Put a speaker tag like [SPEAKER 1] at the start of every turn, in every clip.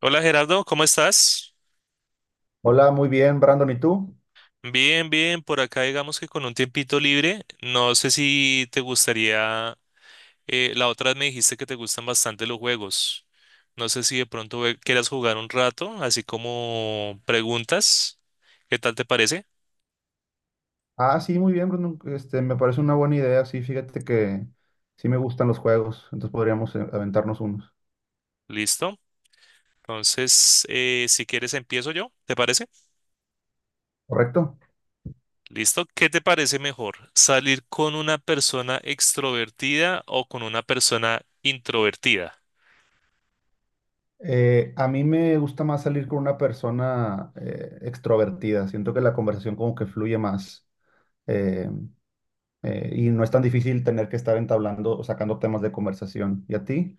[SPEAKER 1] Hola Gerardo, ¿cómo estás?
[SPEAKER 2] Hola, muy bien, Brandon, ¿y tú?
[SPEAKER 1] Bien, bien, por acá digamos que con un tiempito libre. No sé si te gustaría, la otra vez me dijiste que te gustan bastante los juegos. No sé si de pronto quieras jugar un rato, así como preguntas. ¿Qué tal te parece?
[SPEAKER 2] Ah, sí, muy bien, Brandon. Este, me parece una buena idea. Sí, fíjate que sí me gustan los juegos, entonces podríamos aventarnos unos.
[SPEAKER 1] Listo. Entonces, si quieres empiezo yo, ¿te parece?
[SPEAKER 2] ¿Correcto?
[SPEAKER 1] Listo. ¿Qué te parece mejor? ¿Salir con una persona extrovertida o con una persona introvertida?
[SPEAKER 2] A mí me gusta más salir con una persona extrovertida. Siento que la conversación como que fluye más eh, y no es tan difícil tener que estar entablando o sacando temas de conversación. ¿Y a ti?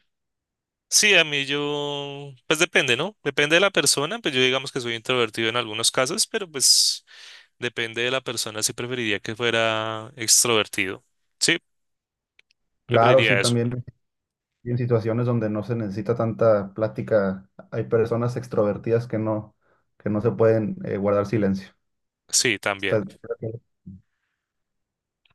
[SPEAKER 1] Sí, a mí yo, pues depende, ¿no? Depende de la persona, pues yo digamos que soy introvertido en algunos casos, pero pues depende de la persona si preferiría que fuera extrovertido. Sí,
[SPEAKER 2] Claro, sí,
[SPEAKER 1] preferiría eso.
[SPEAKER 2] también. Y en situaciones donde no se necesita tanta plática, hay personas extrovertidas que no se pueden guardar silencio.
[SPEAKER 1] Sí, también.
[SPEAKER 2] Está-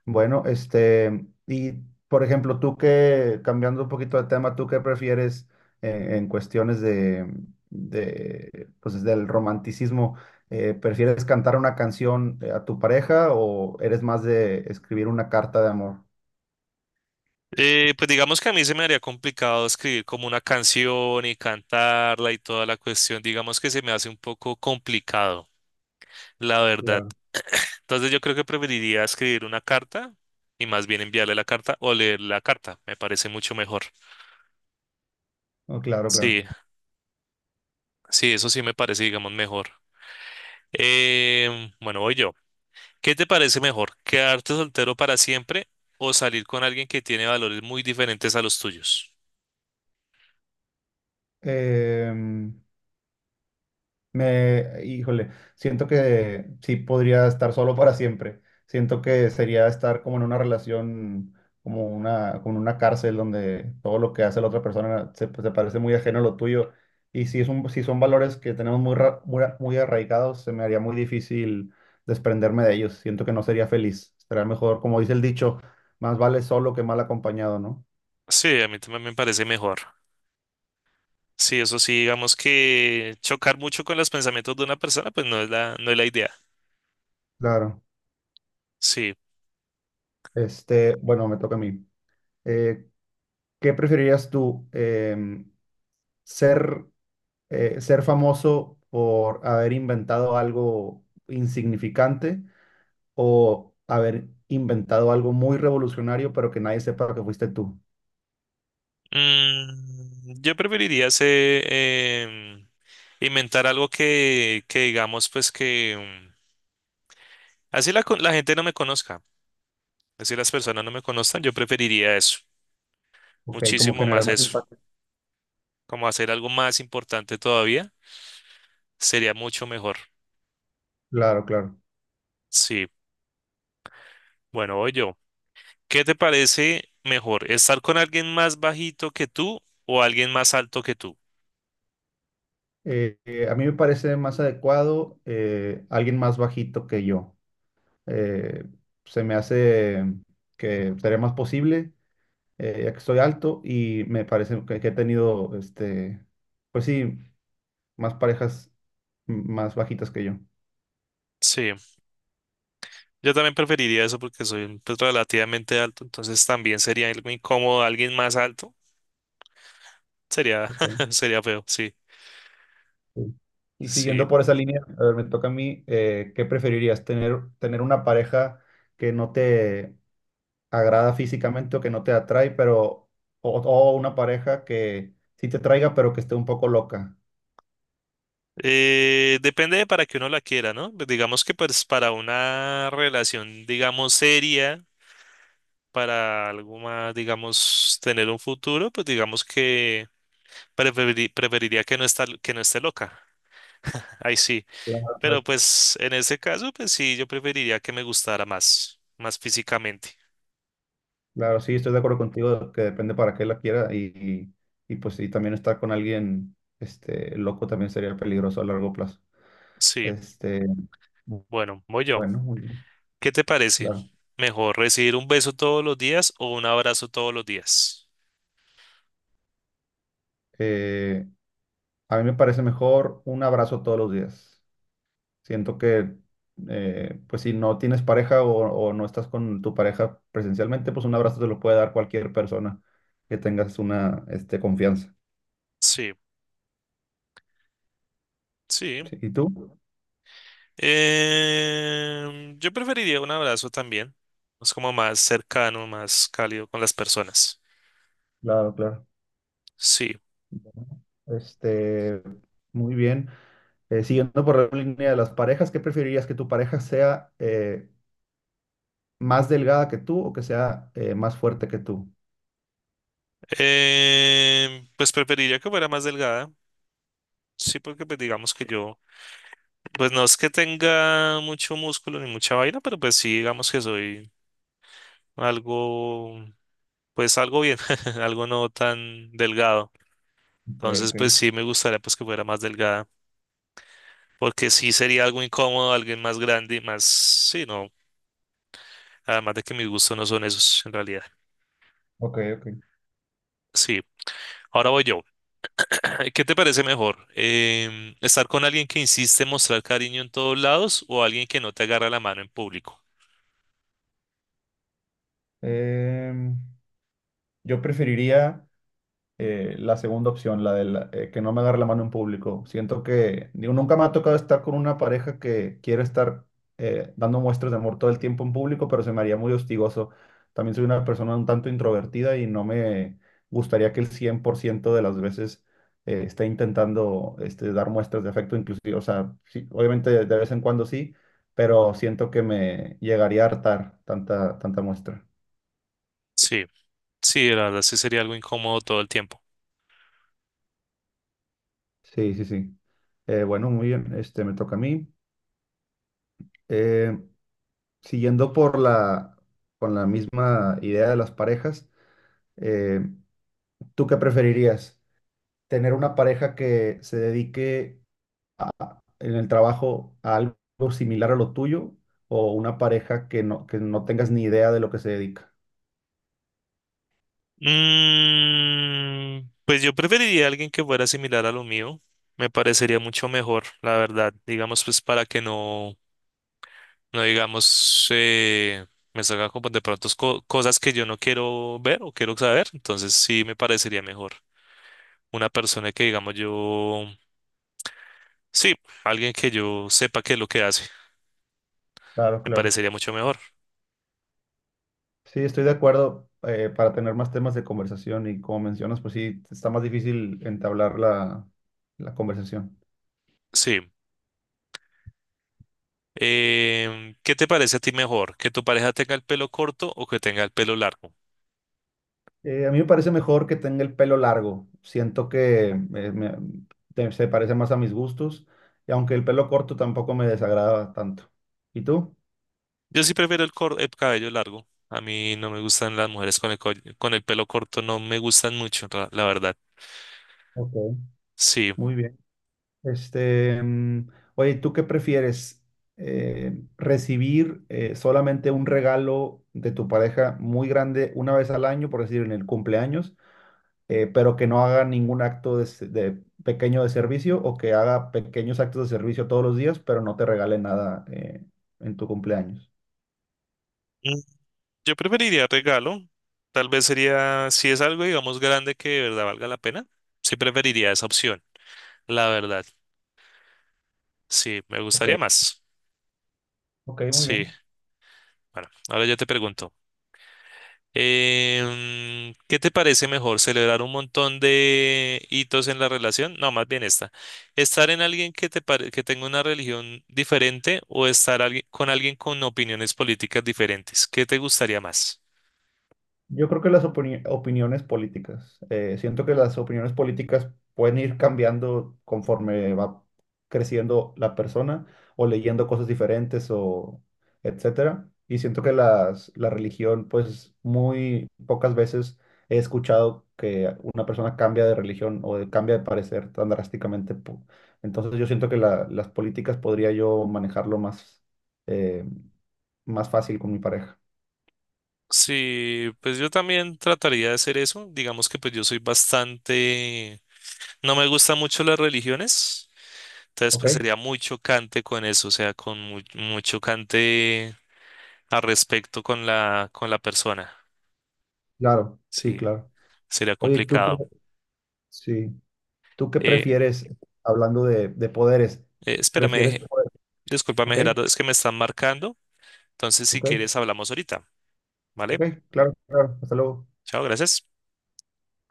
[SPEAKER 2] Bueno, este, y por ejemplo, cambiando un poquito de tema, ¿tú qué prefieres en cuestiones de pues, del romanticismo? ¿Prefieres cantar una canción a tu pareja o eres más de escribir una carta de amor?
[SPEAKER 1] Pues digamos que a mí se me haría complicado escribir como una canción y cantarla y toda la cuestión, digamos que se me hace un poco complicado, la verdad.
[SPEAKER 2] Claro.
[SPEAKER 1] Entonces yo creo que preferiría escribir una carta y más bien enviarle la carta o leer la carta. Me parece mucho mejor.
[SPEAKER 2] Oh, claro, claro.
[SPEAKER 1] Sí, sí, eso sí me parece, digamos, mejor. Bueno, voy yo. ¿Qué te parece mejor? ¿Quedarte soltero para siempre o salir con alguien que tiene valores muy diferentes a los tuyos?
[SPEAKER 2] Em, híjole, siento que sí podría estar solo para siempre. Siento que sería estar como en una relación, como en una cárcel donde todo lo que hace la otra persona se parece muy ajeno a lo tuyo. Y si si son valores que tenemos muy arraigados, se me haría muy difícil desprenderme de ellos. Siento que no sería feliz. Será mejor, como dice el dicho, más vale solo que mal acompañado, ¿no?
[SPEAKER 1] Sí, a mí también me parece mejor. Sí, eso sí, digamos que chocar mucho con los pensamientos de una persona, no es la idea.
[SPEAKER 2] Claro.
[SPEAKER 1] Sí.
[SPEAKER 2] Este, bueno, me toca a mí. Eh, ¿Qué preferirías tú? Ser, ser famoso por haber inventado algo insignificante o haber inventado algo muy revolucionario, pero que nadie sepa que fuiste tú.
[SPEAKER 1] Mm, yo preferiría hacer, inventar algo que digamos, pues que mm, la gente no me conozca, así las personas no me conozcan, yo preferiría eso,
[SPEAKER 2] Ok, como
[SPEAKER 1] muchísimo
[SPEAKER 2] generar
[SPEAKER 1] más
[SPEAKER 2] más
[SPEAKER 1] eso,
[SPEAKER 2] impacto.
[SPEAKER 1] como hacer algo más importante todavía, sería mucho mejor.
[SPEAKER 2] Claro, claro.
[SPEAKER 1] Sí, bueno, voy yo. ¿Qué te parece mejor, estar con alguien más bajito que tú o alguien más alto que tú?
[SPEAKER 2] A mí me parece más adecuado alguien más bajito que yo. Eh, Se me hace que sería más posible, ya que soy alto y me parece que he tenido, este, pues sí, más parejas más bajitas que yo.
[SPEAKER 1] Sí, yo también preferiría eso porque soy pues, relativamente alto, entonces también sería algo incómodo alguien más alto. Sería,
[SPEAKER 2] Ok,
[SPEAKER 1] sería feo, sí,
[SPEAKER 2] sí. Y siguiendo
[SPEAKER 1] sí.
[SPEAKER 2] por esa línea, a ver, me toca a mí, ¿qué preferirías? ¿¿Tener una pareja que no te agrada físicamente o que no te atrae, o una pareja que sí te traiga, pero que esté un poco loca?
[SPEAKER 1] Depende de para que uno la quiera, ¿no? Pues digamos que pues para una relación, digamos, seria, para algo más, digamos, tener un futuro, pues digamos que preferiría que no esté loca. Ahí sí.
[SPEAKER 2] Claro,
[SPEAKER 1] Pero
[SPEAKER 2] claro,
[SPEAKER 1] pues en ese caso, pues sí, yo preferiría que me gustara más, más físicamente.
[SPEAKER 2] claro, sí, estoy de acuerdo contigo, que depende para qué la quiera y pues sí, también estar con alguien este, loco también sería peligroso a largo plazo.
[SPEAKER 1] Sí,
[SPEAKER 2] Este, bu-
[SPEAKER 1] bueno, voy yo.
[SPEAKER 2] bueno, muy bien,
[SPEAKER 1] ¿Qué te parece?
[SPEAKER 2] claro.
[SPEAKER 1] ¿Mejor recibir un beso todos los días o un abrazo todos los días?
[SPEAKER 2] Eh, a mí me parece mejor un abrazo todos los días. Siento que, pues si no tienes pareja o no estás con tu pareja presencialmente, pues un abrazo te lo puede dar cualquier persona que tengas este, confianza.
[SPEAKER 1] Sí. Sí.
[SPEAKER 2] Sí, ¿y tú?
[SPEAKER 1] Em, yo preferiría un abrazo también. Es como más cercano, más cálido con las personas.
[SPEAKER 2] Claro, claro.
[SPEAKER 1] Sí.
[SPEAKER 2] Bueno, este, muy bien. Siguiendo por la línea de las parejas, ¿qué preferirías que tu pareja sea más delgada que tú o que sea más fuerte que tú?
[SPEAKER 1] Em, pues preferiría que fuera más delgada. Sí, porque pues digamos que yo, pues no es que tenga mucho músculo ni mucha vaina, pero pues sí, digamos que soy algo, pues algo bien, algo no tan delgado.
[SPEAKER 2] Ok,
[SPEAKER 1] Entonces,
[SPEAKER 2] ok,
[SPEAKER 1] pues sí me gustaría pues que fuera más delgada, porque sí sería algo incómodo, alguien más grande y más, sí, no, además de que mis gustos no son esos en realidad.
[SPEAKER 2] ok, ok.
[SPEAKER 1] Sí, ahora voy yo. ¿Qué te parece mejor? ¿Estar con alguien que insiste en mostrar cariño en todos lados o alguien que no te agarra la mano en público?
[SPEAKER 2] Em, yo preferiría la segunda opción, la de que no me agarre la mano en público. Siento que, digo, nunca me ha tocado estar con una pareja que quiere estar dando muestras de amor todo el tiempo en público, pero se me haría muy hostigoso. También soy una persona un tanto introvertida y no me gustaría que el 100% de las veces esté intentando este, dar muestras de afecto, inclusive, o sea, sí, obviamente de vez en cuando sí, pero siento que me llegaría a hartar tanta, tanta muestra.
[SPEAKER 1] Sí, sí, la verdad sí sería algo incómodo todo el tiempo.
[SPEAKER 2] Sí, sí, sí. Bueno, muy bien, este, me toca a mí. Eh, Siguiendo con la misma idea de las parejas, eh, ¿tú qué preferirías? ¿Tener una pareja que se dedique en el trabajo a algo similar a lo tuyo o una pareja que no tengas ni idea de lo que se dedica?
[SPEAKER 1] Mm, pues yo preferiría a alguien que fuera similar a lo mío. Me parecería mucho mejor, la verdad. Digamos, pues para que no, no digamos, me salga como de pronto cosas que yo no quiero ver o quiero saber. Entonces sí me parecería mejor. Una persona que digamos yo, sí, alguien que yo sepa qué es lo que hace,
[SPEAKER 2] Claro,
[SPEAKER 1] me
[SPEAKER 2] claro.
[SPEAKER 1] parecería mucho mejor.
[SPEAKER 2] Sí, estoy de acuerdo. Para tener más temas de conversación y como mencionas, pues sí, está más difícil entablar la conversación.
[SPEAKER 1] Sí. Em, ¿qué te parece a ti mejor? ¿Que tu pareja tenga el pelo corto o que tenga el pelo largo?
[SPEAKER 2] A mí me parece mejor que tenga el pelo largo. Siento que se parece más a mis gustos. Y aunque el pelo corto tampoco me desagrada tanto. ¿Y tú?
[SPEAKER 1] Yo sí prefiero el cabello largo. A mí no me gustan las mujeres con con el pelo corto, no me gustan mucho, la verdad.
[SPEAKER 2] Ok.
[SPEAKER 1] Sí.
[SPEAKER 2] Muy bien. Este, oye, ¿tú qué prefieres? ¿Recibir solamente un regalo de tu pareja muy grande una vez al año, por decir en el cumpleaños? Pero que no haga ningún acto de, de pequeño de servicio, o que haga pequeños actos de servicio todos los días, pero no te regale nada en tu cumpleaños.
[SPEAKER 1] Mm, yo preferiría regalo. Tal vez sería, si es algo, digamos, grande que de verdad valga la pena, sí preferiría esa opción, la verdad. Sí, me
[SPEAKER 2] Ok,
[SPEAKER 1] gustaría más.
[SPEAKER 2] ok, muy
[SPEAKER 1] Sí.
[SPEAKER 2] bien.
[SPEAKER 1] Bueno, ahora yo te pregunto, em, ¿qué te parece mejor? ¿Celebrar un montón de hitos en la relación? No, más bien esta. ¿Estar en alguien que tenga una religión diferente o estar con alguien con opiniones políticas diferentes? ¿Qué te gustaría más?
[SPEAKER 2] Yo creo que las opiniones políticas. Siento que las opiniones políticas pueden ir cambiando conforme va creciendo la persona o leyendo cosas diferentes o etcétera. Y siento que la religión, pues muy pocas veces he escuchado que una persona cambia de religión o cambia de parecer tan drásticamente. Entonces yo siento que las políticas podría yo manejarlo eh, más fácil con mi pareja.
[SPEAKER 1] Sí, pues yo también trataría de hacer eso. Digamos que pues yo soy bastante, no me gustan mucho las religiones, entonces
[SPEAKER 2] ¿Ok?
[SPEAKER 1] pues sería muy chocante con eso, o sea, con muy, muy chocante. Al respecto con con la persona.
[SPEAKER 2] Claro, sí,
[SPEAKER 1] Sí,
[SPEAKER 2] claro.
[SPEAKER 1] sería
[SPEAKER 2] Oye, ¿tú qué,
[SPEAKER 1] complicado.
[SPEAKER 2] sí, tú qué
[SPEAKER 1] Eh,
[SPEAKER 2] prefieres, hablando de poderes? ¿Prefieres
[SPEAKER 1] espérame,
[SPEAKER 2] poder?
[SPEAKER 1] discúlpame,
[SPEAKER 2] Ok,
[SPEAKER 1] Gerardo, es que me están marcando. Entonces, si
[SPEAKER 2] ok,
[SPEAKER 1] quieres, hablamos ahorita, ¿vale?
[SPEAKER 2] ok, claro, claro, hasta luego.
[SPEAKER 1] Chao, gracias.